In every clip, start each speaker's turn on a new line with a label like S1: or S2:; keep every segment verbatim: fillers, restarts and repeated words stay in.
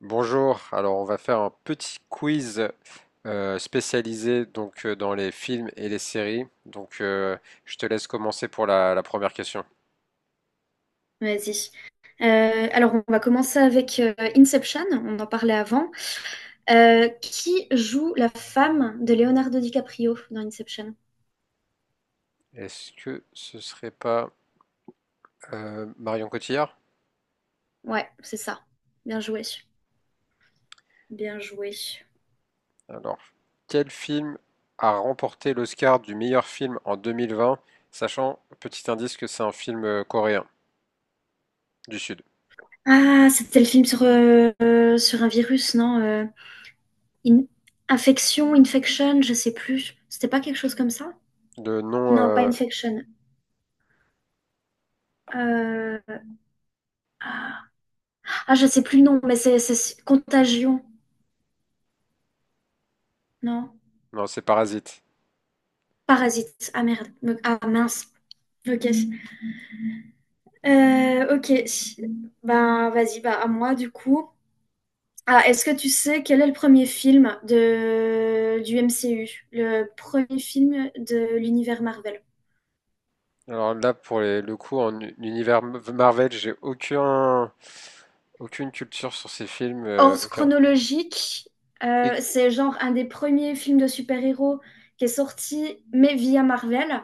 S1: Bonjour, alors on va faire un petit quiz euh, spécialisé donc euh, dans les films et les séries. Donc euh, je te laisse commencer pour la, la première question.
S2: Vas-y. Euh, alors, on va commencer avec euh, Inception, on en parlait avant. Euh, qui joue la femme de Leonardo DiCaprio dans Inception?
S1: Est-ce que ce serait pas euh, Marion Cotillard?
S2: Ouais, c'est ça. Bien joué. Bien joué.
S1: Alors, quel film a remporté l'Oscar du meilleur film en deux mille vingt, sachant, petit indice, que c'est un film euh, coréen du Sud.
S2: Ah, c'était le film sur, euh, euh, sur un virus, non? euh, in- Infection, infection, je sais plus. C'était pas quelque chose comme ça?
S1: Le nom,
S2: Non, pas
S1: euh,
S2: infection. Euh, Ah, ah, je sais plus le nom, mais c'est c'est- contagion, non?
S1: non, c'est Parasite.
S2: Parasite. Ah merde. Me- Ah mince. Ok. Euh, ok, ben vas-y, bah à moi du coup. Ah, est-ce que tu sais quel est le premier film de... du M C U? Le premier film de l'univers Marvel.
S1: Alors là, pour les- le coup, en u- univers Marvel, j'ai aucun Aucune culture sur ces films, euh,
S2: Hors
S1: aucun.
S2: chronologique, euh,
S1: Et,
S2: c'est genre un des premiers films de super-héros qui est sorti, mais via Marvel.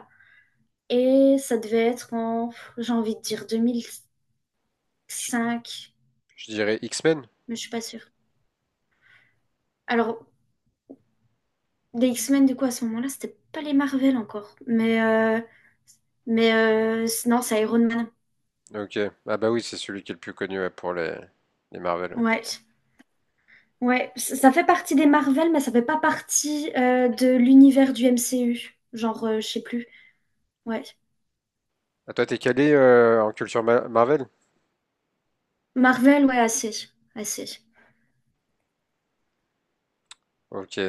S2: Et ça devait être en, j'ai envie de dire,
S1: je,
S2: deux mille cinq,
S1: je dirais X-Men?
S2: mais je suis pas sûre. Alors, Les X-Men, du coup, à ce moment-là, c'était pas les Marvel encore. Mais, euh, mais euh, c- non, c'est Iron Man.
S1: Ok. Ah bah oui, c'est celui qui est le plus connu, ouais, pour les, les Marvel. Ouais.
S2: Ouais. Ouais, c- ça fait partie des Marvel, mais ça fait pas partie euh, de l'univers du M C U. Genre, euh, je sais plus. Ouais.
S1: Ah, toi, t'es calé euh, en culture Ma- Marvel?
S2: Marvel, ouais, assez. Assez.
S1: Ok.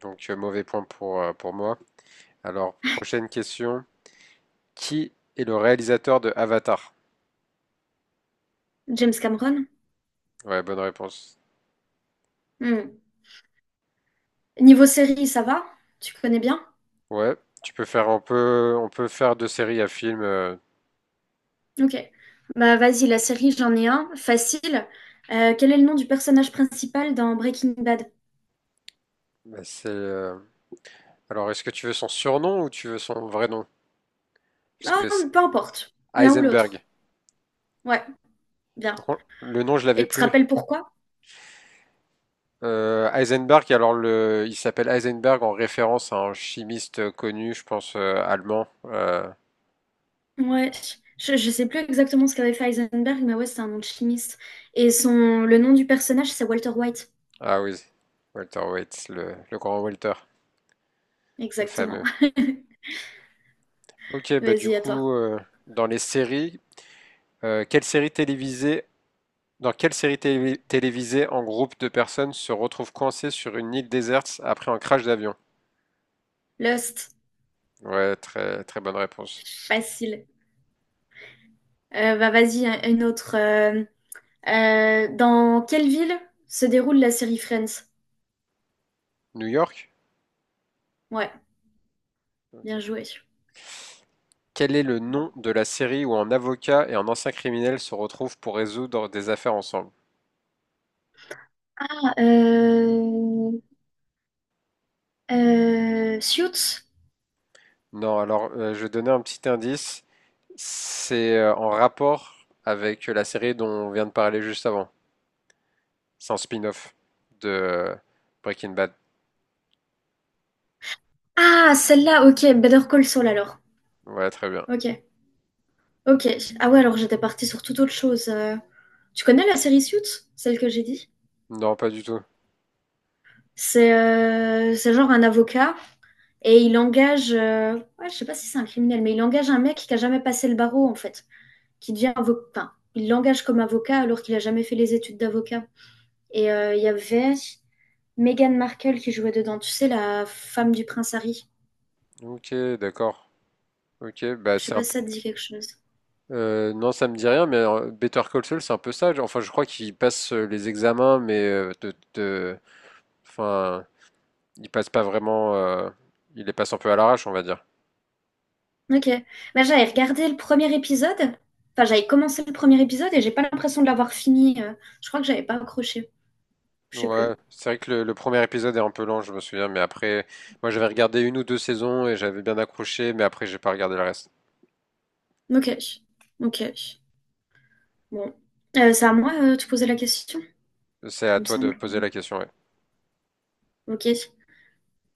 S1: Donc, euh, mauvais point pour, euh, pour moi. Alors, prochaine question. Qui est le réalisateur de Avatar?
S2: James Cameron.
S1: Ouais, bonne réponse.
S2: Hmm. Niveau série, ça va? Tu connais bien?
S1: Ouais, tu peux faire, on peut, on peut faire de série à film. euh,
S2: Ok. Bah, vas-y, la série, j'en ai un. Facile. Euh, quel est le nom du personnage principal dans Breaking Bad?
S1: mais c'est, euh, Alors, est-ce que tu veux son surnom ou tu veux son vrai nom? Parce
S2: Ah,
S1: que c'est
S2: peu importe. L'un ou
S1: Heisenberg.
S2: l'autre. Ouais, bien.
S1: Par contre, le nom, je l'avais
S2: Et tu te
S1: plus.
S2: rappelles pourquoi?
S1: Euh, Heisenberg, alors le, il s'appelle Heisenberg en référence à un chimiste connu, je pense euh, allemand. Euh,
S2: Ouais, je, je sais plus exactement ce qu'avait fait Heisenberg, mais ouais, c'est un nom de chimiste. Et son, le nom du personnage, c'est Walter White.
S1: ah oui, Walter Waits, le, le grand Walter, le
S2: Exactement.
S1: fameux. Ok, bah du
S2: Vas-y, à
S1: coup,
S2: toi.
S1: euh, dans les séries, euh, quelle série télévisée, dans quelle série télé- télévisée en groupe de personnes se retrouve coincé sur une île déserte après un crash d'avion?
S2: Lost,
S1: Ouais, très très bonne réponse.
S2: facile. Euh, bah vas-y, un- une autre. Euh, euh, dans quelle ville se déroule la série Friends?
S1: New York?
S2: Ouais,
S1: Ok.
S2: bien joué.
S1: Quel est le nom de la série où un avocat et un ancien criminel se retrouvent pour résoudre des affaires ensemble?
S2: Ah, euh, euh, Suits?
S1: Non, alors euh, je vais donner un petit indice. C'est euh, en rapport avec la série dont on vient de parler juste avant. C'est un spin-off de euh, Breaking Bad.
S2: Ah, celle-là, ok. Better Call Saul alors.
S1: Voilà, très bien.
S2: Ok, ok. Ah ouais, alors j'étais partie sur toute autre chose. euh. Tu connais la série Suits, celle que j'ai dit?
S1: Non, pas du tout.
S2: C'est euh, c'est genre un avocat et il engage, euh, ouais, je sais pas si c'est un criminel, mais il engage un mec qui a jamais passé le barreau en fait, qui devient avocat. Enfin, il l'engage comme avocat alors qu'il a jamais fait les études d'avocat. Et euh, il y avait Meghan Markle qui jouait dedans, tu sais, la femme du prince Harry.
S1: Ok, d'accord. Ok, bah
S2: Je sais
S1: c'est un
S2: pas si
S1: p-
S2: ça te dit quelque chose.
S1: euh, non, ça me dit rien, mais euh, Better Call Saul, c'est un peu ça. Enfin, je crois qu'il passe euh, les examens, mais euh, de, de- enfin, il passe pas vraiment. Euh, il les passe un peu à l'arrache, on va dire.
S2: Ok. Bah, j'avais regardé le premier épisode, enfin j'avais commencé le premier épisode et j'ai pas l'impression de l'avoir fini. Euh, je crois que j'avais pas accroché, je sais plus.
S1: Ouais, c'est vrai que le, le premier épisode est un peu lent, je me souviens, mais après, moi j'avais regardé une ou deux saisons et j'avais bien accroché, mais après j'ai pas regardé le reste.
S2: Ok, ok. Bon. Euh, c'est à moi euh, de te poser la question,
S1: C'est à
S2: il me
S1: toi de
S2: semble.
S1: poser la question, ouais.
S2: Ok.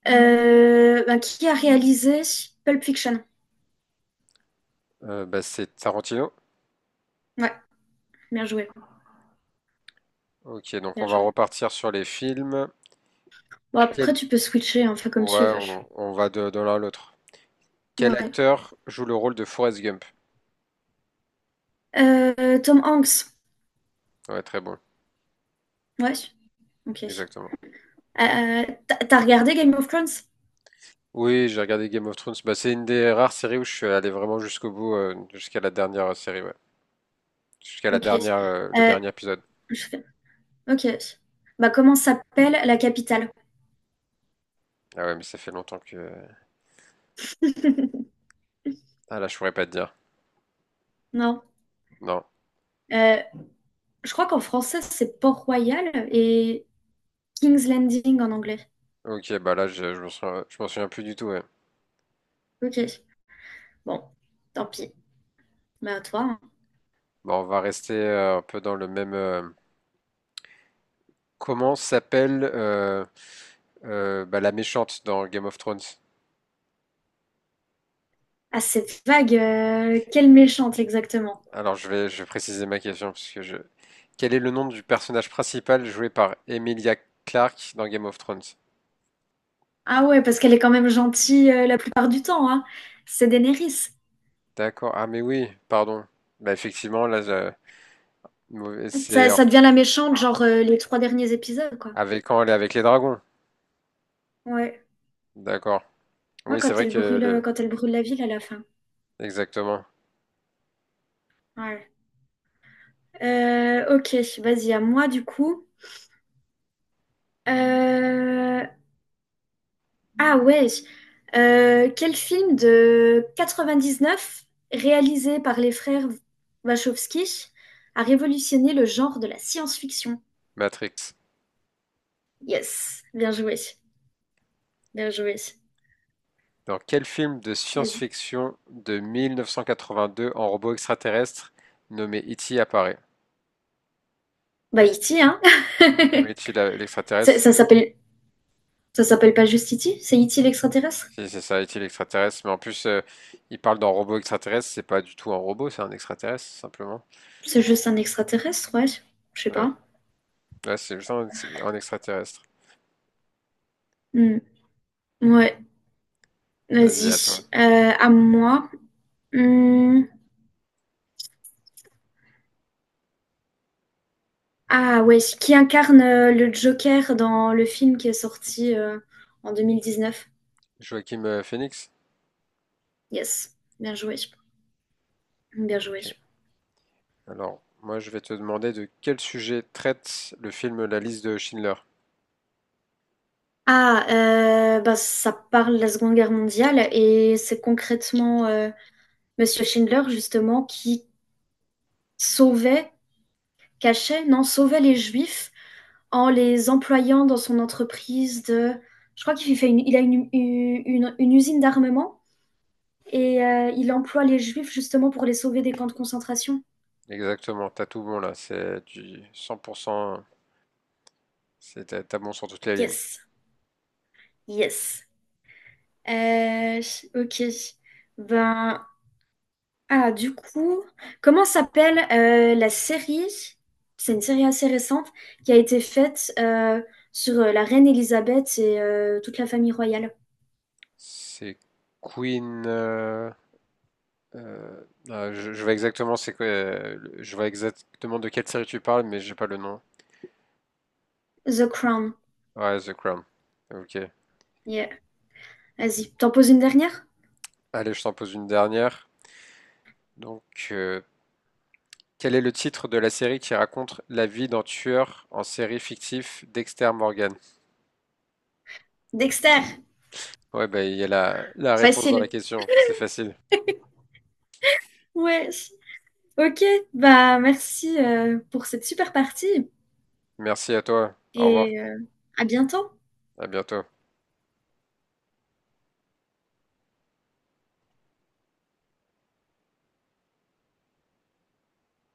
S2: Euh, bah, qui a réalisé Pulp Fiction?
S1: Euh, bah, c'est Tarantino.
S2: Ouais, bien joué,
S1: Ok, donc
S2: bien
S1: on va
S2: joué.
S1: repartir sur les films.
S2: Bon, après,
S1: Quel...
S2: tu peux switcher, hein, fais comme tu
S1: Ouais,
S2: veux.
S1: on, on va de, de l'un à l'autre. Quel
S2: Ouais.
S1: acteur joue le rôle de Forrest Gump?
S2: Euh, Tom Hanks.
S1: Ouais, très bon,
S2: Ouais, ok.
S1: exactement.
S2: Euh, t'as t'as regardé Game of Thrones?
S1: Oui, j'ai regardé Game of Thrones. Bah, c'est une des rares séries où je suis allé vraiment jusqu'au bout, euh, jusqu'à la dernière série, ouais. Jusqu'à la
S2: Ok.
S1: dernière, euh, le
S2: Euh,
S1: dernier épisode.
S2: je fais- Ok. Bah, comment s'appelle la capitale?
S1: Ah ouais, mais ça fait longtemps que ah là, je pourrais pas te dire.
S2: Non.
S1: Non.
S2: Euh, je crois qu'en français, c'est Port-Royal et King's Landing en anglais.
S1: Ok, bah là, je, je m'en souviens, je m'en souviens plus du tout. Ouais.
S2: Ok. Bon, tant pis. Mais à toi, hein.
S1: Bah, on va rester euh, un peu dans le même. euh, Comment s'appelle euh, euh, bah, la méchante dans Game of Thrones?
S2: Ah, cette vague, euh, quelle méchante exactement.
S1: Alors, je vais, je vais préciser ma question parce que je. Quel est le nom du personnage principal joué par Emilia Clarke dans Game of Thrones?
S2: Ah ouais, parce qu'elle est quand même gentille euh, la plupart du temps, hein. C'est Daenerys.
S1: D'accord. Ah mais oui, pardon. Bah effectivement, là, je- mauvais- c'est
S2: Ça,
S1: en-
S2: ça devient la méchante, genre euh, les trois derniers épisodes, quoi.
S1: avec quand elle est avec les dragons.
S2: Ouais.
S1: D'accord.
S2: Moi,
S1: Oui, c'est
S2: quand
S1: vrai
S2: elle
S1: que
S2: brûle, euh,
S1: le.
S2: quand elle brûle la ville à la fin.
S1: Exactement.
S2: Ouais. Euh, ok, vas-y, à moi du coup. Euh, Ah ouais. Euh, quel film de quatre-vingt-dix-neuf réalisé par les frères Wachowski a révolutionné le genre de la science-fiction?
S1: Matrix.
S2: Yes, bien joué, bien joué.
S1: Dans quel film de
S2: Vas-y.
S1: science-fiction de mille neuf cent quatre-vingt-deux en robot extraterrestre nommé E T apparaît?
S2: Bah E T, hein?
S1: Oui, E T la-
S2: Ça,
S1: l'extraterrestre.
S2: ça
S1: Mais-
S2: s'appelle ça
S1: non,
S2: s'appelle pas juste E T, c'est E T l'extraterrestre?
S1: si, c'est ça, E T l'extraterrestre. Mais en plus, euh, il parle d'un robot extraterrestre. C'est pas du tout un robot, c'est un extraterrestre, simplement.
S2: C'est juste un extraterrestre, ouais. Je sais
S1: Ouais,
S2: pas.
S1: ouais c'est juste un, ex- un extraterrestre.
S2: Hmm. Ouais,
S1: Vas-y, à toi.
S2: vas-y. Euh, à moi. Hmm. Ah ouais, qui incarne euh, le Joker dans le film qui est sorti euh, en deux mille dix-neuf.
S1: Joachim euh, Phoenix?
S2: Yes, bien joué, bien joué.
S1: Ok. Alors, moi, je vais te demander de quel sujet traite le film La liste de Schindler.
S2: Ah, euh, bah, ça parle de la Seconde Guerre mondiale et c'est concrètement euh, Monsieur Schindler justement qui sauvait, cachait, non, sauvait les Juifs en les employant dans son entreprise de... Je crois qu'il fait une, il a une, une, une usine d'armement et euh, il emploie les Juifs justement pour les sauver des camps de concentration.
S1: Exactement, t'as tout bon là. C'est du cent pour cent. C'est, t'as t'as bon sur toutes les lignes.
S2: Yes, yes. Euh, ok. Ben, ah, du coup, comment s'appelle euh, la série? C'est une série assez récente qui a été faite euh, sur euh, la reine Elisabeth et euh, toute la famille royale.
S1: C'est Queen. euh, euh, ah, je, je vois exactement c'est quoi. Euh, je vois exactement de quelle série tu parles, mais j'ai pas le nom.
S2: The Crown.
S1: Ouais, The Crown. Ok.
S2: Yeah. Vas-y. T'en poses une dernière?
S1: Allez, je t'en pose une dernière. Donc, euh, quel est le titre de la série qui raconte la vie d'un tueur en série fictif Dexter Morgan?
S2: Dexter.
S1: Ouais, bah il y a la, la réponse dans la
S2: Facile.
S1: question. C'est facile.
S2: Ouais. Ok. Bah, merci euh, pour cette super partie
S1: Merci à toi. Au revoir.
S2: et euh, à bientôt.
S1: À bientôt.